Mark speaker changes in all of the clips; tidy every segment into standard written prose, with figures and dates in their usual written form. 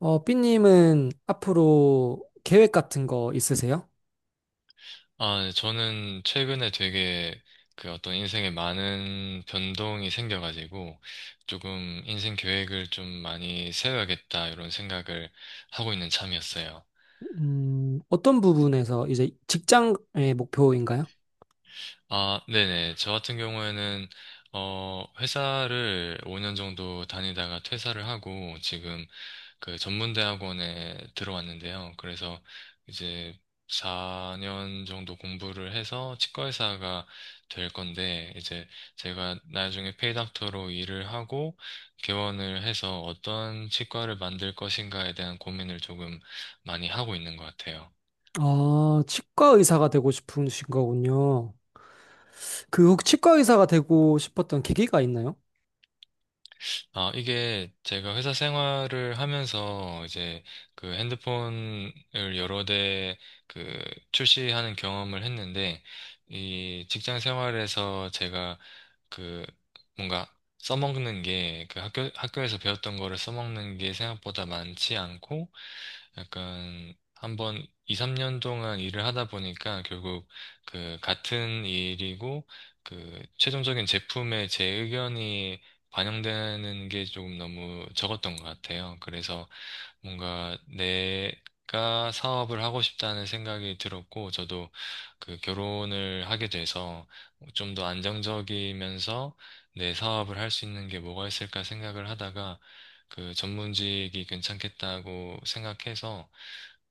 Speaker 1: 삐님은 앞으로 계획 같은 거 있으세요?
Speaker 2: 아, 네, 저는 최근에 되게 그 어떤 인생에 많은 변동이 생겨가지고 조금 인생 계획을 좀 많이 세워야겠다 이런 생각을 하고 있는 참이었어요.
Speaker 1: 어떤 부분에서 이제 직장의 목표인가요?
Speaker 2: 아, 네네. 저 같은 경우에는 어, 회사를 5년 정도 다니다가 퇴사를 하고 지금 그 전문대학원에 들어왔는데요. 그래서 이제 4년 정도 공부를 해서 치과의사가 될 건데, 이제 제가 나중에 페이닥터로 일을 하고 개원을 해서 어떤 치과를 만들 것인가에 대한 고민을 조금 많이 하고 있는 것 같아요.
Speaker 1: 아, 치과 의사가 되고 싶으신 거군요. 그혹 치과 의사가 되고 싶었던 계기가 있나요?
Speaker 2: 아, 이게 제가 회사 생활을 하면서 이제 그 핸드폰을 여러 대 그 출시하는 경험을 했는데, 이 직장 생활에서 제가 그 뭔가 써먹는 게 그 학교에서 배웠던 거를 써먹는 게 생각보다 많지 않고, 약간 한번 2, 3년 동안 일을 하다 보니까 결국 그 같은 일이고 그 최종적인 제품에 제 의견이 반영되는 게 조금 너무 적었던 것 같아요. 그래서 뭔가 내가 사업을 하고 싶다는 생각이 들었고, 저도 그 결혼을 하게 돼서 좀 더 안정적이면서 내 사업을 할 수 있는 게 뭐가 있을까 생각을 하다가 그 전문직이 괜찮겠다고 생각해서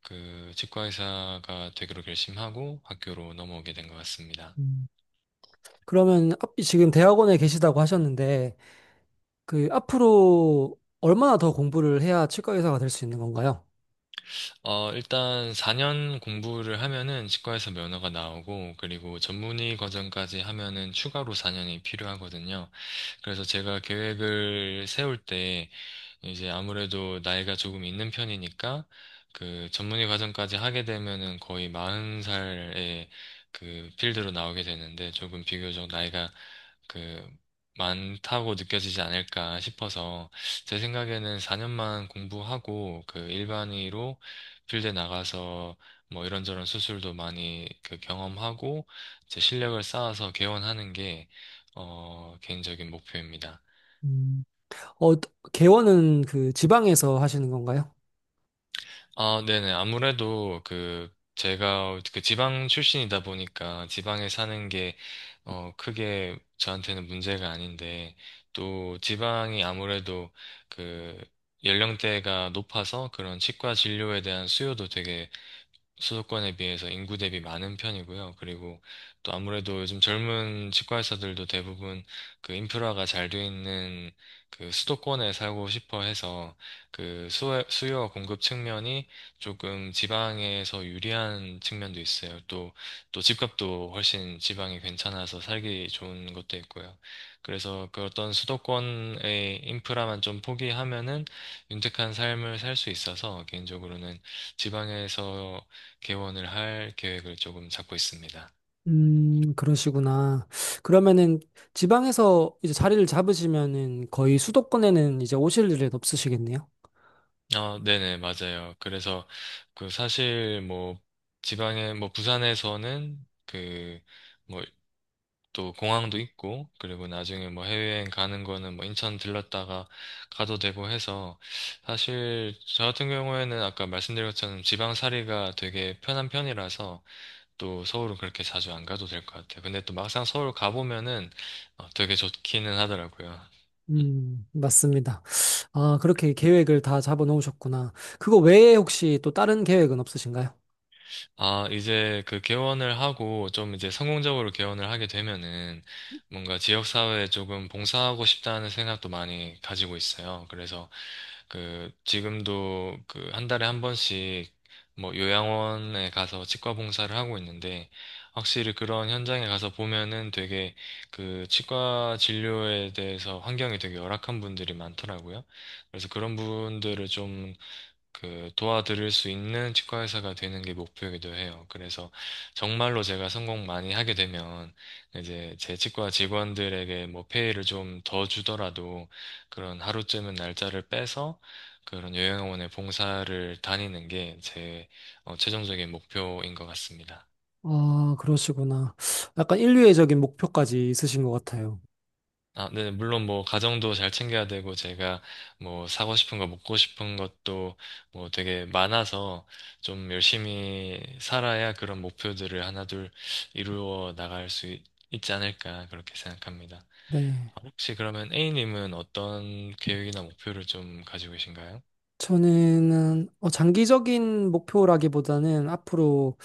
Speaker 2: 그 치과 의사가 되기로 결심하고 학교로 넘어오게 된 것 같습니다.
Speaker 1: 음, 그러면 지금 대학원에 계시다고 하셨는데 그 앞으로 얼마나 더 공부를 해야 치과 의사가 될 수 있는 건가요?
Speaker 2: 어, 일단 4년 공부를 하면은 치과에서 면허가 나오고, 그리고 전문의 과정까지 하면은 추가로 4년이 필요하거든요. 그래서 제가 계획을 세울 때 이제 아무래도 나이가 조금 있는 편이니까, 그 전문의 과정까지 하게 되면은 거의 40살에 그 필드로 나오게 되는데 조금 비교적 나이가 그 많다고 느껴지지 않을까 싶어서, 제 생각에는 4년만 공부하고 그 일반의로 필드에 나가서 뭐 이런저런 수술도 많이 그 경험하고 제 실력을 쌓아서 개원하는 게 어, 개인적인 목표입니다.
Speaker 1: 음. 어, 개원은 그 지방에서 하시는 건가요?
Speaker 2: 아, 네네. 아무래도 그 제가 그 지방 출신이다 보니까 지방에 사는 게 어, 크게 저한테는 문제가 아닌데, 또 지방이 아무래도 그 연령대가 높아서 그런 치과 진료에 대한 수요도 되게 수도권에 비해서 인구 대비 많은 편이고요. 그리고 또 아무래도 요즘 젊은 치과 의사들도 대부분 그 인프라가 잘 돼 있는 그 수도권에 살고 싶어 해서, 그 수요와 공급 측면이 조금 지방에서 유리한 측면도 있어요. 또, 또 집값도 훨씬 지방이 괜찮아서 살기 좋은 것도 있고요. 그래서 그 어떤 수도권의 인프라만 좀 포기하면은 윤택한 삶을 살 수 있어서, 개인적으로는 지방에서 개원을 할 계획을 조금 잡고 있습니다.
Speaker 1: 그러시구나. 그러면은 지방에서 이제 자리를 잡으시면은 거의 수도권에는 이제 오실 일은 없으시겠네요.
Speaker 2: 어, 네네, 맞아요. 그래서 그 사실 뭐 지방에 뭐 부산에서는 그 뭐 또 공항도 있고, 그리고 나중에 뭐 해외여행 가는 거는 뭐 인천 들렀다가 가도 되고 해서, 사실 저 같은 경우에는 아까 말씀드린 것처럼 지방살이가 되게 편한 편이라서 또 서울은 그렇게 자주 안 가도 될 것 같아요. 근데 또 막상 서울 가보면은 어, 되게 좋기는 하더라고요.
Speaker 1: 맞습니다. 아, 그렇게 계획을 다 잡아 놓으셨구나. 그거 외에 혹시 또 다른 계획은 없으신가요?
Speaker 2: 아, 이제 그 개원을 하고 좀 이제 성공적으로 개원을 하게 되면은, 뭔가 지역사회에 조금 봉사하고 싶다는 생각도 많이 가지고 있어요. 그래서 그 지금도 그 한 달에 한 번씩 뭐 요양원에 가서 치과 봉사를 하고 있는데, 확실히 그런 현장에 가서 보면은 되게 그 치과 진료에 대해서 환경이 되게 열악한 분들이 많더라고요. 그래서 그런 분들을 좀 그 도와드릴 수 있는 치과 의사가 되는 게 목표이기도 해요. 그래서 정말로 제가 성공 많이 하게 되면 이제 제 치과 직원들에게 뭐 페이를 좀 더 주더라도 그런 하루쯤은 날짜를 빼서 그런 요양원의 봉사를 다니는 게제 어, 최종적인 목표인 것 같습니다.
Speaker 1: 아, 그러시구나. 약간 인류애적인 목표까지 있으신 것 같아요.
Speaker 2: 아, 네, 물론 뭐 가정도 잘 챙겨야 되고 제가 뭐 사고 싶은 거 먹고 싶은 것도 뭐 되게 많아서 좀 열심히 살아야 그런 목표들을 하나둘 이루어 나갈 수 있, 지 않을까 그렇게 생각합니다.
Speaker 1: 네.
Speaker 2: 아, 혹시 그러면 A님은 어떤 계획이나 목표를 좀 가지고 계신가요?
Speaker 1: 저는 장기적인 목표라기보다는 앞으로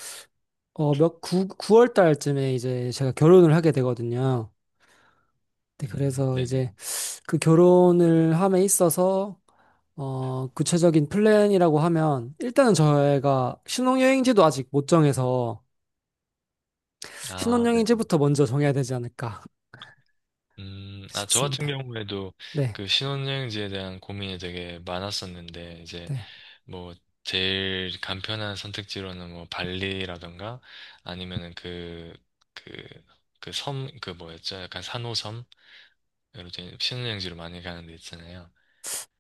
Speaker 1: 구월 달쯤에 이제 제가 결혼을 하게 되거든요. 네, 그래서
Speaker 2: 네네.
Speaker 1: 이제 그 결혼을 함에 있어서 구체적인 플랜이라고 하면 일단은 저희가 신혼여행지도 아직 못 정해서
Speaker 2: 아, 네.
Speaker 1: 신혼여행지부터 먼저 정해야 되지 않을까
Speaker 2: 아, 저 같은
Speaker 1: 싶습니다.
Speaker 2: 경우에도
Speaker 1: 네,
Speaker 2: 그 신혼여행지에 대한 고민이 되게 많았었는데, 이제
Speaker 1: 네.
Speaker 2: 뭐 제일 간편한 선택지로는 뭐 발리라던가 아니면은 그 그 그 섬 그 뭐였죠? 약간 산호섬, 이런 데 신혼여행지로 많이 가는 데 있잖아요.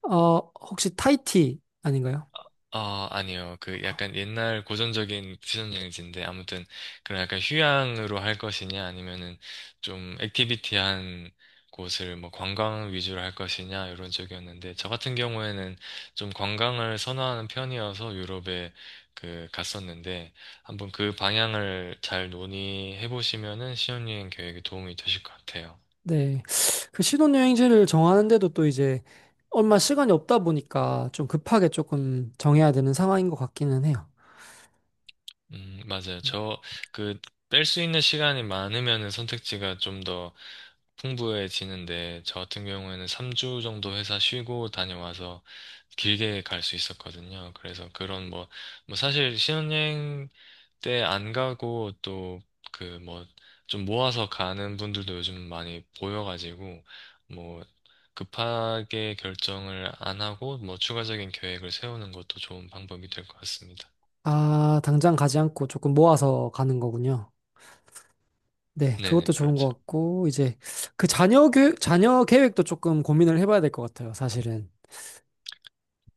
Speaker 1: 어, 혹시 타이티 아닌가요?
Speaker 2: 아, 아니요. 그 약간 옛날 고전적인 퓨전 여행지인데, 아무튼 그런 약간 휴양으로 할 것이냐 아니면은 좀 액티비티한 곳을 뭐 관광 위주로 할 것이냐 이런 쪽이었는데, 저 같은 경우에는 좀 관광을 선호하는 편이어서 유럽에 그 갔었는데, 한번 그 방향을 잘 논의해 보시면은 신혼여행 계획에 도움이 되실 것 같아요.
Speaker 1: 네. 그 신혼여행지를 정하는데도 또 이제 얼마 시간이 없다 보니까 좀 급하게 조금 정해야 되는 상황인 것 같기는 해요.
Speaker 2: 맞아요. 저, 그, 뺄 수 있는 시간이 많으면 선택지가 좀 더 풍부해지는데, 저 같은 경우에는 3주 정도 회사 쉬고 다녀와서 길게 갈 수 있었거든요. 그래서 그런 뭐, 뭐 사실 신혼여행 때 안 가고 또 그 뭐, 좀 모아서 가는 분들도 요즘 많이 보여가지고, 뭐, 급하게 결정을 안 하고, 뭐, 추가적인 계획을 세우는 것도 좋은 방법이 될 것 같습니다.
Speaker 1: 아, 당장 가지 않고 조금 모아서 가는 거군요. 네, 그것도
Speaker 2: 네네,
Speaker 1: 좋은 것
Speaker 2: 그렇죠.
Speaker 1: 같고, 이제 그 자녀 계획도 조금 고민을 해봐야 될 것 같아요, 사실은.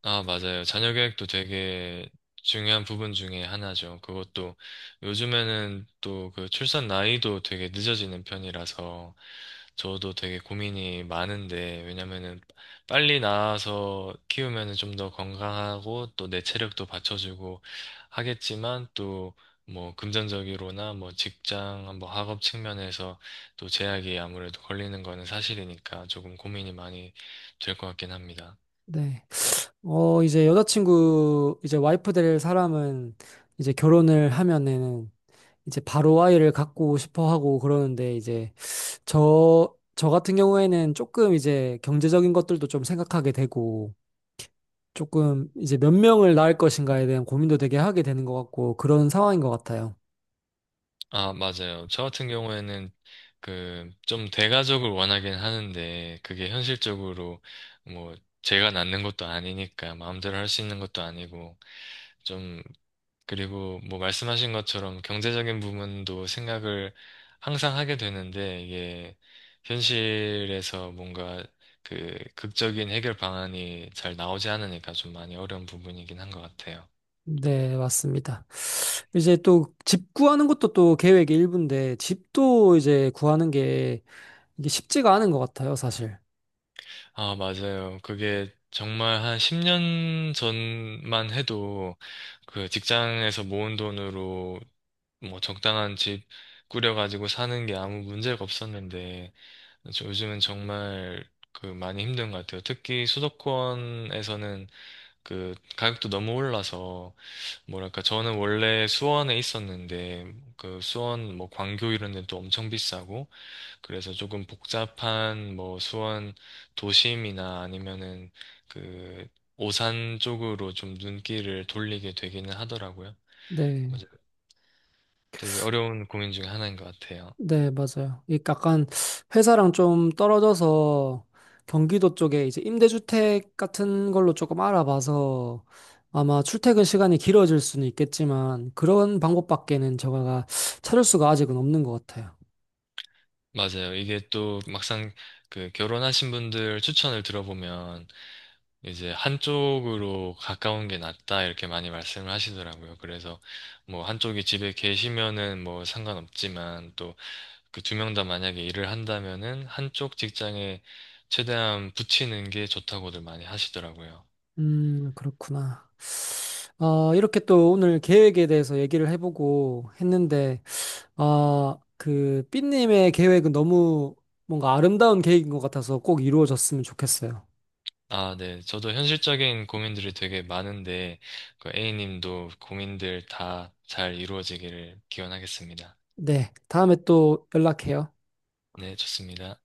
Speaker 2: 아, 맞아요. 자녀 교육도 되게 중요한 부분 중에 하나죠. 그것도 요즘에는 또 그 출산 나이도 되게 늦어지는 편이라서 저도 되게 고민이 많은데, 왜냐면은 빨리 낳아서 키우면은 좀 더 건강하고 또 내 체력도 받쳐주고 하겠지만, 또 뭐 금전적으로나 뭐 직장 뭐 학업 측면에서 또 제약이 아무래도 걸리는 거는 사실이니까 조금 고민이 많이 될 것 같긴 합니다.
Speaker 1: 네. 이제 여자친구, 이제 와이프 될 사람은 이제 결혼을 하면은 이제 바로 아이를 갖고 싶어 하고 그러는데 이제 저 같은 경우에는 조금 이제 경제적인 것들도 좀 생각하게 되고 조금 이제 몇 명을 낳을 것인가에 대한 고민도 되게 하게 되는 것 같고 그런 상황인 것 같아요.
Speaker 2: 아, 맞아요. 저 같은 경우에는 그 좀 대가족을 원하긴 하는데, 그게 현실적으로 뭐 제가 낳는 것도 아니니까 마음대로 할 수 있는 것도 아니고, 좀, 그리고 뭐 말씀하신 것처럼 경제적인 부분도 생각을 항상 하게 되는데, 이게 현실에서 뭔가 그 극적인 해결 방안이 잘 나오지 않으니까 좀 많이 어려운 부분이긴 한 것 같아요.
Speaker 1: 네, 맞습니다. 이제 또 집 구하는 것도 또 계획의 일부인데 집도 이제 구하는 게 이게 쉽지가 않은 것 같아요, 사실.
Speaker 2: 아, 맞아요. 그게 정말 한 10년 전만 해도 그 직장에서 모은 돈으로 뭐 적당한 집 꾸려가지고 사는 게 아무 문제가 없었는데, 저- 요즘은 정말 그 많이 힘든 것 같아요. 특히 수도권에서는 그 가격도 너무 올라서, 뭐랄까 저는 원래 수원에 있었는데 그 수원 뭐 광교 이런 데도 엄청 비싸고, 그래서 조금 복잡한 뭐 수원 도심이나 아니면은 그 오산 쪽으로 좀 눈길을 돌리게 되기는 하더라고요.
Speaker 1: 네,
Speaker 2: 맞아요. 되게 어려운 고민 중에 하나인 것 같아요.
Speaker 1: 네, 맞아요. 이 약간 회사랑 좀 떨어져서 경기도 쪽에 이제 임대주택 같은 걸로 조금 알아봐서 아마 출퇴근 시간이 길어질 수는 있겠지만 그런 방법밖에는 제가 찾을 수가 아직은 없는 것 같아요.
Speaker 2: 맞아요. 이게 또 막상 그 결혼하신 분들 추천을 들어보면, 이제 한쪽으로 가까운 게 낫다 이렇게 많이 말씀을 하시더라고요. 그래서 뭐 한쪽이 집에 계시면은 뭐 상관없지만, 그 두 명 다 만약에 일을 한다면은 한쪽 직장에 최대한 붙이는 게 좋다고들 많이 하시더라고요.
Speaker 1: 그렇구나. 아, 이렇게 또 오늘 계획에 대해서 얘기를 해보고 했는데 아, 그 삐님의 계획은 너무 뭔가 아름다운 계획인 것 같아서 꼭 이루어졌으면 좋겠어요.
Speaker 2: 아, 네. 저도 현실적인 고민들이 되게 많은데, 그 A님도 고민들 다 잘 이루어지기를 기원하겠습니다.
Speaker 1: 네, 다음에 또 연락해요.
Speaker 2: 네, 좋습니다.